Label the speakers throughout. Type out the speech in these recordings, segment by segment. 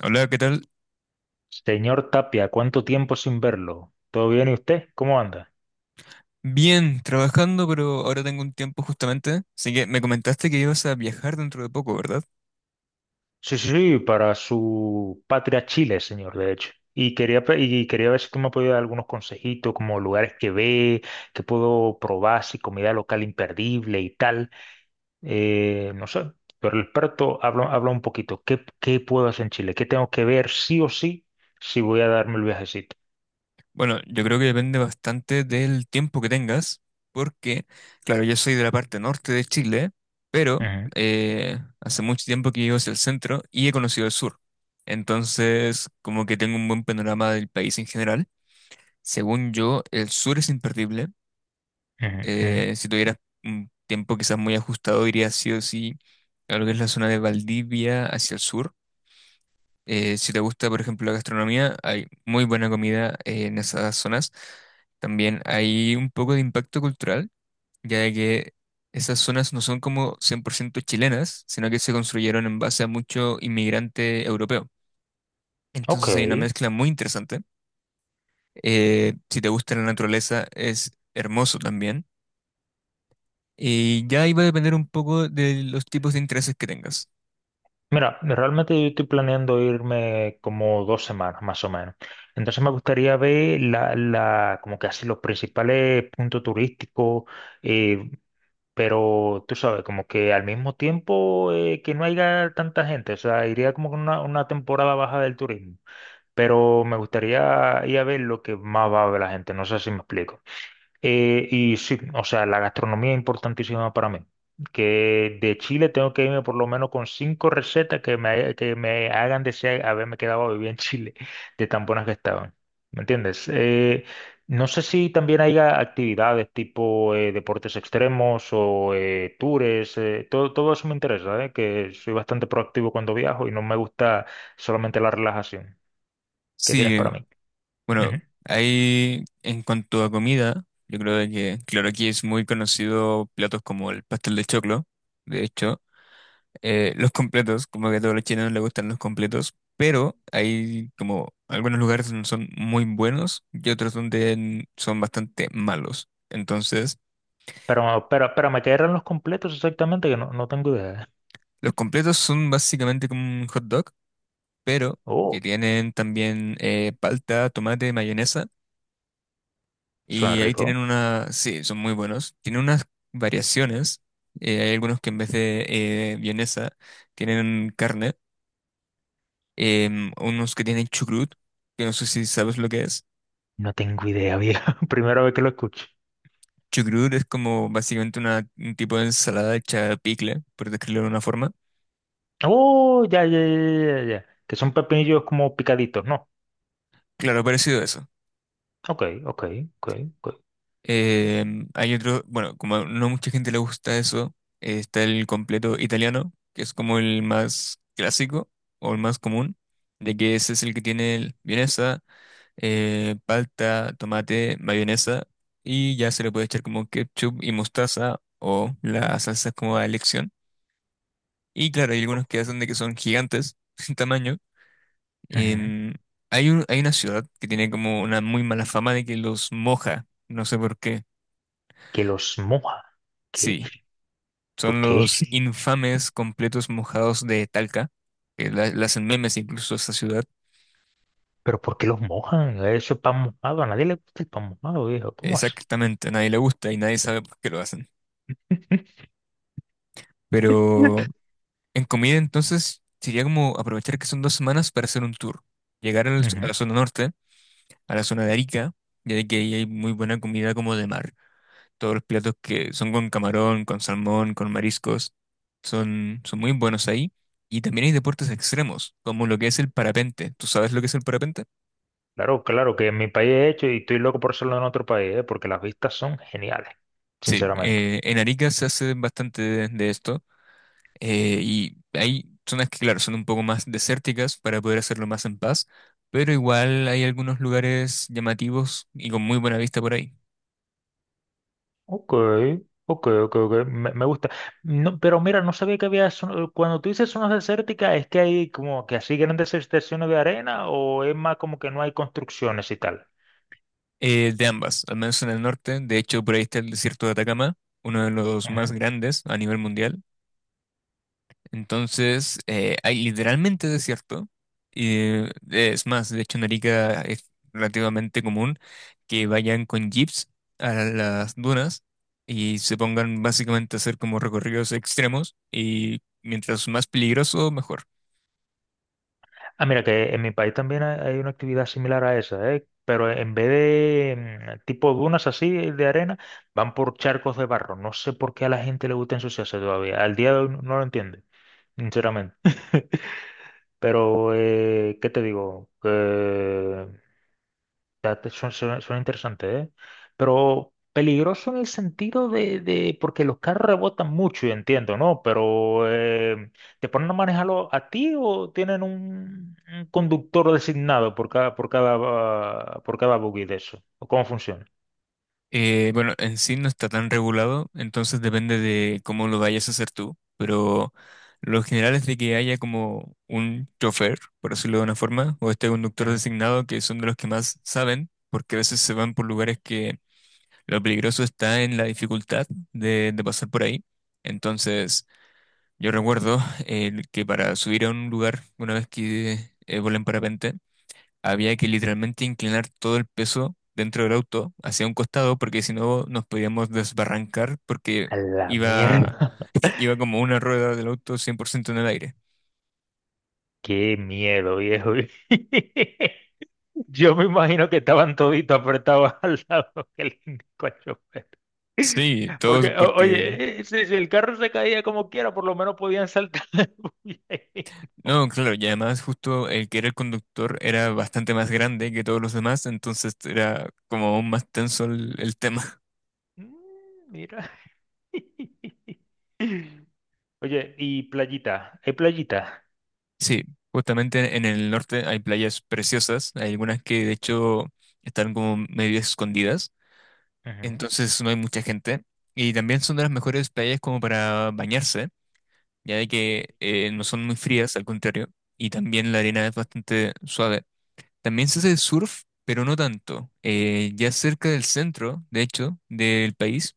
Speaker 1: Hola, ¿qué tal?
Speaker 2: Señor Tapia, ¿cuánto tiempo sin verlo? ¿Todo bien y usted? ¿Cómo anda?
Speaker 1: Bien, trabajando, pero ahora tengo un tiempo justamente. Así que me comentaste que ibas a viajar dentro de poco, ¿verdad?
Speaker 2: Sí, sí, sí, para su patria Chile, señor, de hecho. Y quería, quería ver si tú me podías dar algunos consejitos, como lugares que ve, que puedo probar, si comida local imperdible y tal. No sé, pero el experto habla un poquito. Qué puedo hacer en Chile? ¿Qué tengo que ver sí o sí si voy a darme el viajecito?
Speaker 1: Bueno, yo creo que depende bastante del tiempo que tengas, porque, claro, yo soy de la parte norte de Chile, pero
Speaker 2: Ujú,
Speaker 1: hace mucho tiempo que vivo hacia el centro y he conocido el sur. Entonces, como que tengo un buen panorama del país en general. Según yo, el sur es imperdible.
Speaker 2: ujú, ujú.
Speaker 1: Si tuvieras un tiempo quizás muy ajustado, irías sí o sí a lo que es la zona de Valdivia hacia el sur. Si te gusta, por ejemplo, la gastronomía, hay muy buena comida en esas zonas. También hay un poco de impacto cultural, ya de que esas zonas no son como 100% chilenas, sino que se construyeron en base a mucho inmigrante europeo.
Speaker 2: Ok.
Speaker 1: Entonces hay una mezcla muy interesante. Si te gusta la naturaleza, es hermoso también. Y ya iba a depender un poco de los tipos de intereses que tengas.
Speaker 2: Mira, realmente yo estoy planeando irme como 2 semanas más o menos. Entonces me gustaría ver como que así los principales puntos turísticos, eh, pero tú sabes, como que al mismo tiempo que no haya tanta gente, o sea, iría como con una temporada baja del turismo, pero me gustaría ir a ver lo que más va a ver la gente, no sé si me explico. Y sí, o sea, la gastronomía es importantísima para mí. Que de Chile tengo que irme por lo menos con 5 recetas que me hagan desear haberme quedado a vivir en Chile, de tan buenas que estaban. ¿Me entiendes? No sé si también hay actividades tipo deportes extremos o tours, todo eso me interesa, que soy bastante proactivo cuando viajo y no me gusta solamente la relajación. ¿Qué
Speaker 1: Sí,
Speaker 2: tienes para mí?
Speaker 1: bueno,
Speaker 2: Ujú.
Speaker 1: ahí en cuanto a comida, yo creo de que, claro, aquí es muy conocido platos como el pastel de choclo, de hecho, los completos, como que a todos los chilenos les gustan los completos, pero hay como algunos lugares donde son muy buenos y otros donde son bastante malos. Entonces,
Speaker 2: Pero me quedaron los completos exactamente, que no, no tengo idea. ¿Eh?
Speaker 1: los completos son básicamente como un hot dog, pero que
Speaker 2: Oh,
Speaker 1: tienen también palta, tomate, mayonesa.
Speaker 2: suena
Speaker 1: Y ahí tienen
Speaker 2: rico.
Speaker 1: una, sí, son muy buenos. Tienen unas variaciones. Hay algunos que en vez de vienesa tienen carne. Unos que tienen chucrut, que no sé si sabes lo que es.
Speaker 2: No tengo idea, viejo. Primera vez que lo escucho.
Speaker 1: Chucrut es como básicamente una, un tipo de ensalada hecha picle, por describirlo de una forma.
Speaker 2: Oh, ya. Que son pepinillos como picaditos, ¿no?
Speaker 1: Claro, parecido a eso.
Speaker 2: Ok, ok, ok.
Speaker 1: Hay otro, bueno, como no mucha gente le gusta eso, está el completo italiano, que es como el más clásico o el más común, de que ese es el que tiene el vienesa, palta, tomate, mayonesa, y ya se le puede echar como ketchup y mostaza o la salsa como a elección. Y claro, hay algunos que hacen de que son gigantes en tamaño.
Speaker 2: Ujú.
Speaker 1: En- hay una ciudad que tiene como una muy mala fama de que los moja, no sé por qué.
Speaker 2: Que los moja. ¿Qué?
Speaker 1: Sí,
Speaker 2: ¿Por
Speaker 1: son
Speaker 2: qué?
Speaker 1: los infames completos mojados de Talca, que la hacen memes incluso a esa ciudad.
Speaker 2: ¿Pero por qué los mojan? Eso es pan mojado. A nadie le gusta el pan mojado, viejo. ¿Cómo así?
Speaker 1: Exactamente, a nadie le gusta y nadie sabe por qué lo hacen. Pero en comida, entonces, sería como aprovechar que son dos semanas para hacer un tour. A
Speaker 2: Ujú.
Speaker 1: la zona norte, a la zona de Arica, ya de que ahí hay muy buena comida como de mar. Todos los platos que son con camarón, con salmón, con mariscos, son, son muy buenos ahí. Y también hay deportes extremos, como lo que es el parapente. ¿Tú sabes lo que es el parapente?
Speaker 2: Claro, claro, que en mi país he hecho y estoy loco por hacerlo en otro país, ¿eh? Porque las vistas son geniales,
Speaker 1: Sí,
Speaker 2: sinceramente.
Speaker 1: en Arica se hace bastante de esto. Y hay zonas que, claro, son un poco más desérticas para poder hacerlo más en paz, pero igual hay algunos lugares llamativos y con muy buena vista por ahí.
Speaker 2: Ok, ok, me gusta. No, pero mira, no sabía que cuando tú dices zonas desérticas, ¿es que hay como que así grandes extensiones de arena o es más como que no hay construcciones y tal?
Speaker 1: De ambas, al menos en el norte, de hecho por ahí está el desierto de Atacama, uno de los más
Speaker 2: Ujú.
Speaker 1: grandes a nivel mundial. Entonces, hay literalmente desierto. Y es más, de hecho en Arica es relativamente común que vayan con jeeps a las dunas y se pongan básicamente a hacer como recorridos extremos y mientras más peligroso, mejor.
Speaker 2: Ah, mira, que en mi país también hay una actividad similar a esa, ¿eh? Pero en vez de tipo dunas así de arena, van por charcos de barro. No sé por qué a la gente le gusta ensuciarse todavía. Al día de hoy no lo entiendo, sinceramente. Pero, ¿qué te digo? Que Suena interesante, ¿eh? Pero peligroso en el sentido porque los carros rebotan mucho, y entiendo, ¿no? Pero ¿te ponen a manejarlo a ti o tienen un conductor designado por cada buggy de eso? ¿O cómo funciona?
Speaker 1: Bueno, en sí no está tan regulado, entonces depende de cómo lo vayas a hacer tú, pero lo general es de que haya como un chofer, por decirlo de una forma, o este conductor
Speaker 2: Ujú.
Speaker 1: designado, que son de los que más saben, porque a veces se van por lugares que lo peligroso está en la dificultad de pasar por ahí. Entonces, yo recuerdo que para subir a un lugar, una vez que volé en parapente, había que literalmente inclinar todo el peso dentro del auto hacia un costado porque si no nos podíamos desbarrancar porque
Speaker 2: A la
Speaker 1: iba,
Speaker 2: mierda.
Speaker 1: iba como una rueda del auto 100% en el aire.
Speaker 2: Qué miedo, viejo. Yo me imagino que estaban toditos apretados al lado del
Speaker 1: Sí,
Speaker 2: Porque,
Speaker 1: todos
Speaker 2: oye,
Speaker 1: porque...
Speaker 2: si el carro se caía como quiera, por lo menos podían saltar. Uy, eh.
Speaker 1: No, claro, y además justo el que era el conductor era bastante más grande que todos los demás, entonces era como aún más tenso el tema.
Speaker 2: Mm, Mira. Oye, y playita, ¿hay playita?
Speaker 1: Sí, justamente en el norte hay playas preciosas, hay algunas que de hecho están como medio escondidas
Speaker 2: Ujú,
Speaker 1: entonces no hay mucha gente. Y también son de las mejores playas como para bañarse, ya de que no son muy frías, al contrario. Y también la
Speaker 2: ujú,
Speaker 1: arena es bastante suave. También se hace surf, pero no tanto. Ya cerca del centro, de hecho, del país,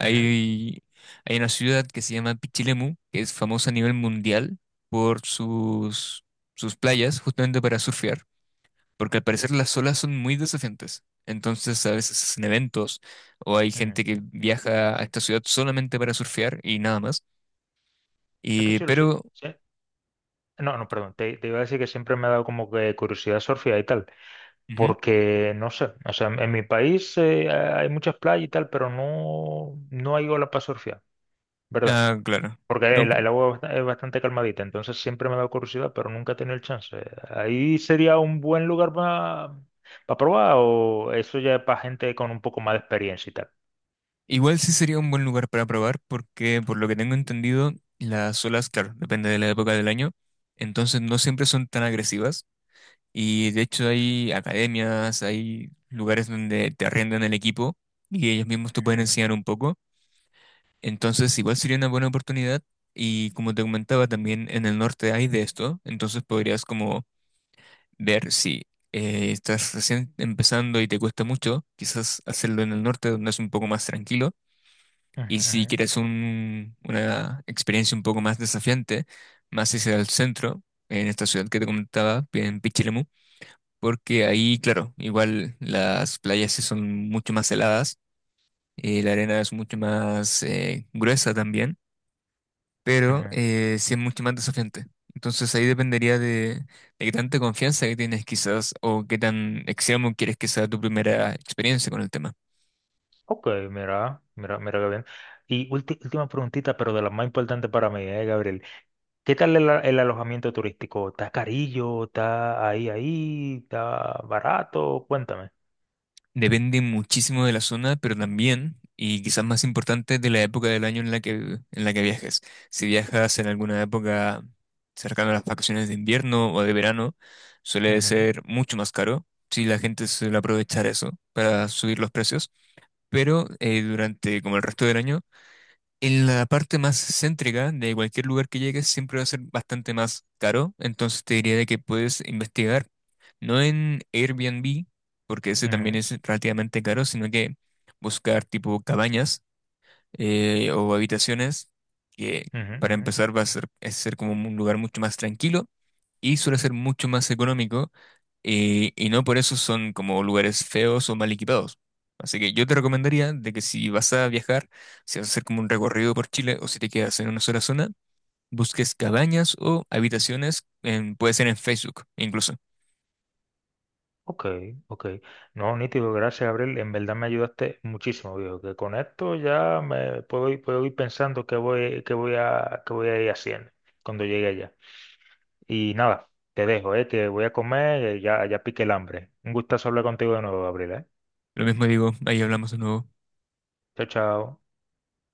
Speaker 2: ujú,
Speaker 1: hay una ciudad que se llama Pichilemu, que es famosa a nivel mundial por sus, sus playas, justamente para surfear porque al parecer las olas son muy desafiantes. Entonces a veces hacen eventos o hay gente
Speaker 2: ujú.
Speaker 1: que viaja a esta ciudad solamente para surfear y nada más.
Speaker 2: Es que
Speaker 1: Y,
Speaker 2: chulo, sí,
Speaker 1: pero,
Speaker 2: sí. No, no, perdón, te iba a decir que siempre me ha dado como que curiosidad surfear y tal,
Speaker 1: ujú.
Speaker 2: porque no sé, o sea, en mi país hay muchas playas y tal, pero no hay ola para surfear, ¿verdad?
Speaker 1: Ah, claro. No, p-
Speaker 2: Agua es bastante calmadita, entonces siempre me da curiosidad, pero nunca he tenido el chance. Ahí sería un buen lugar para probar, o eso ya es para gente con un poco más de experiencia y tal.
Speaker 1: igual sí sería un buen lugar para probar porque por lo que tengo entendido, las olas, claro, depende de la época del año, entonces no siempre son tan agresivas. Y de hecho hay academias, hay lugares donde te arriendan el equipo y ellos mismos te pueden
Speaker 2: Ujú,
Speaker 1: enseñar un poco. Entonces, igual sería una buena oportunidad y como te comentaba, también en el norte hay de esto, entonces podrías como ver si estás recién empezando y te cuesta mucho, quizás hacerlo en el norte donde es un poco más tranquilo,
Speaker 2: ujú,
Speaker 1: y si
Speaker 2: ujú,
Speaker 1: quieres una experiencia un poco más desafiante, más hacia el centro, en esta ciudad que te comentaba, en Pichilemu, porque ahí, claro, igual las playas sí son mucho más heladas, la arena es mucho más gruesa también. Pero
Speaker 2: ujú.
Speaker 1: sí es mucho más desafiante. Entonces ahí dependería de qué tanta confianza que tienes quizás o qué tan extremo quieres que sea tu primera experiencia con el tema.
Speaker 2: Ok, mira, mira qué bien. Y última preguntita, pero de las más importantes para mí, Gabriel. ¿Qué tal el alojamiento turístico? ¿Está carillo? ¿Está ahí? ¿Está barato? Cuéntame.
Speaker 1: Depende muchísimo de la zona, pero también, y quizás más importante, de la época del año en la que viajes. Si viajas en alguna época cercana a las vacaciones de invierno o de verano, suele
Speaker 2: Ujú,
Speaker 1: ser mucho más caro. Si la gente suele aprovechar eso para subir los precios, pero durante como el resto del año, en la parte más céntrica de cualquier lugar que llegues siempre va a ser bastante más caro, entonces te diría de que puedes investigar, no en Airbnb, porque ese también
Speaker 2: ujú,
Speaker 1: es relativamente caro, sino que buscar tipo cabañas, o habitaciones, que
Speaker 2: ujú,
Speaker 1: para
Speaker 2: ujú,
Speaker 1: empezar va a ser, es ser como un lugar mucho más tranquilo y suele ser mucho más económico, y no por eso son como lugares feos o mal equipados. Así que yo te recomendaría de que si vas a viajar, si vas a hacer como un recorrido por Chile o si te quedas en una sola zona, busques cabañas o habitaciones, puede ser en Facebook incluso.
Speaker 2: Ok, ok. No, nítido, gracias, Gabriel. En verdad me ayudaste muchísimo, viejo. Que con esto ya me puedo ir pensando qué voy a ir haciendo cuando llegue allá. Y nada, te dejo, que voy a comer, ya pique el hambre. Un gustazo hablar contigo de nuevo, Gabriel, eh.
Speaker 1: Lo mismo digo, ahí hablamos de nuevo.
Speaker 2: Chao, chao.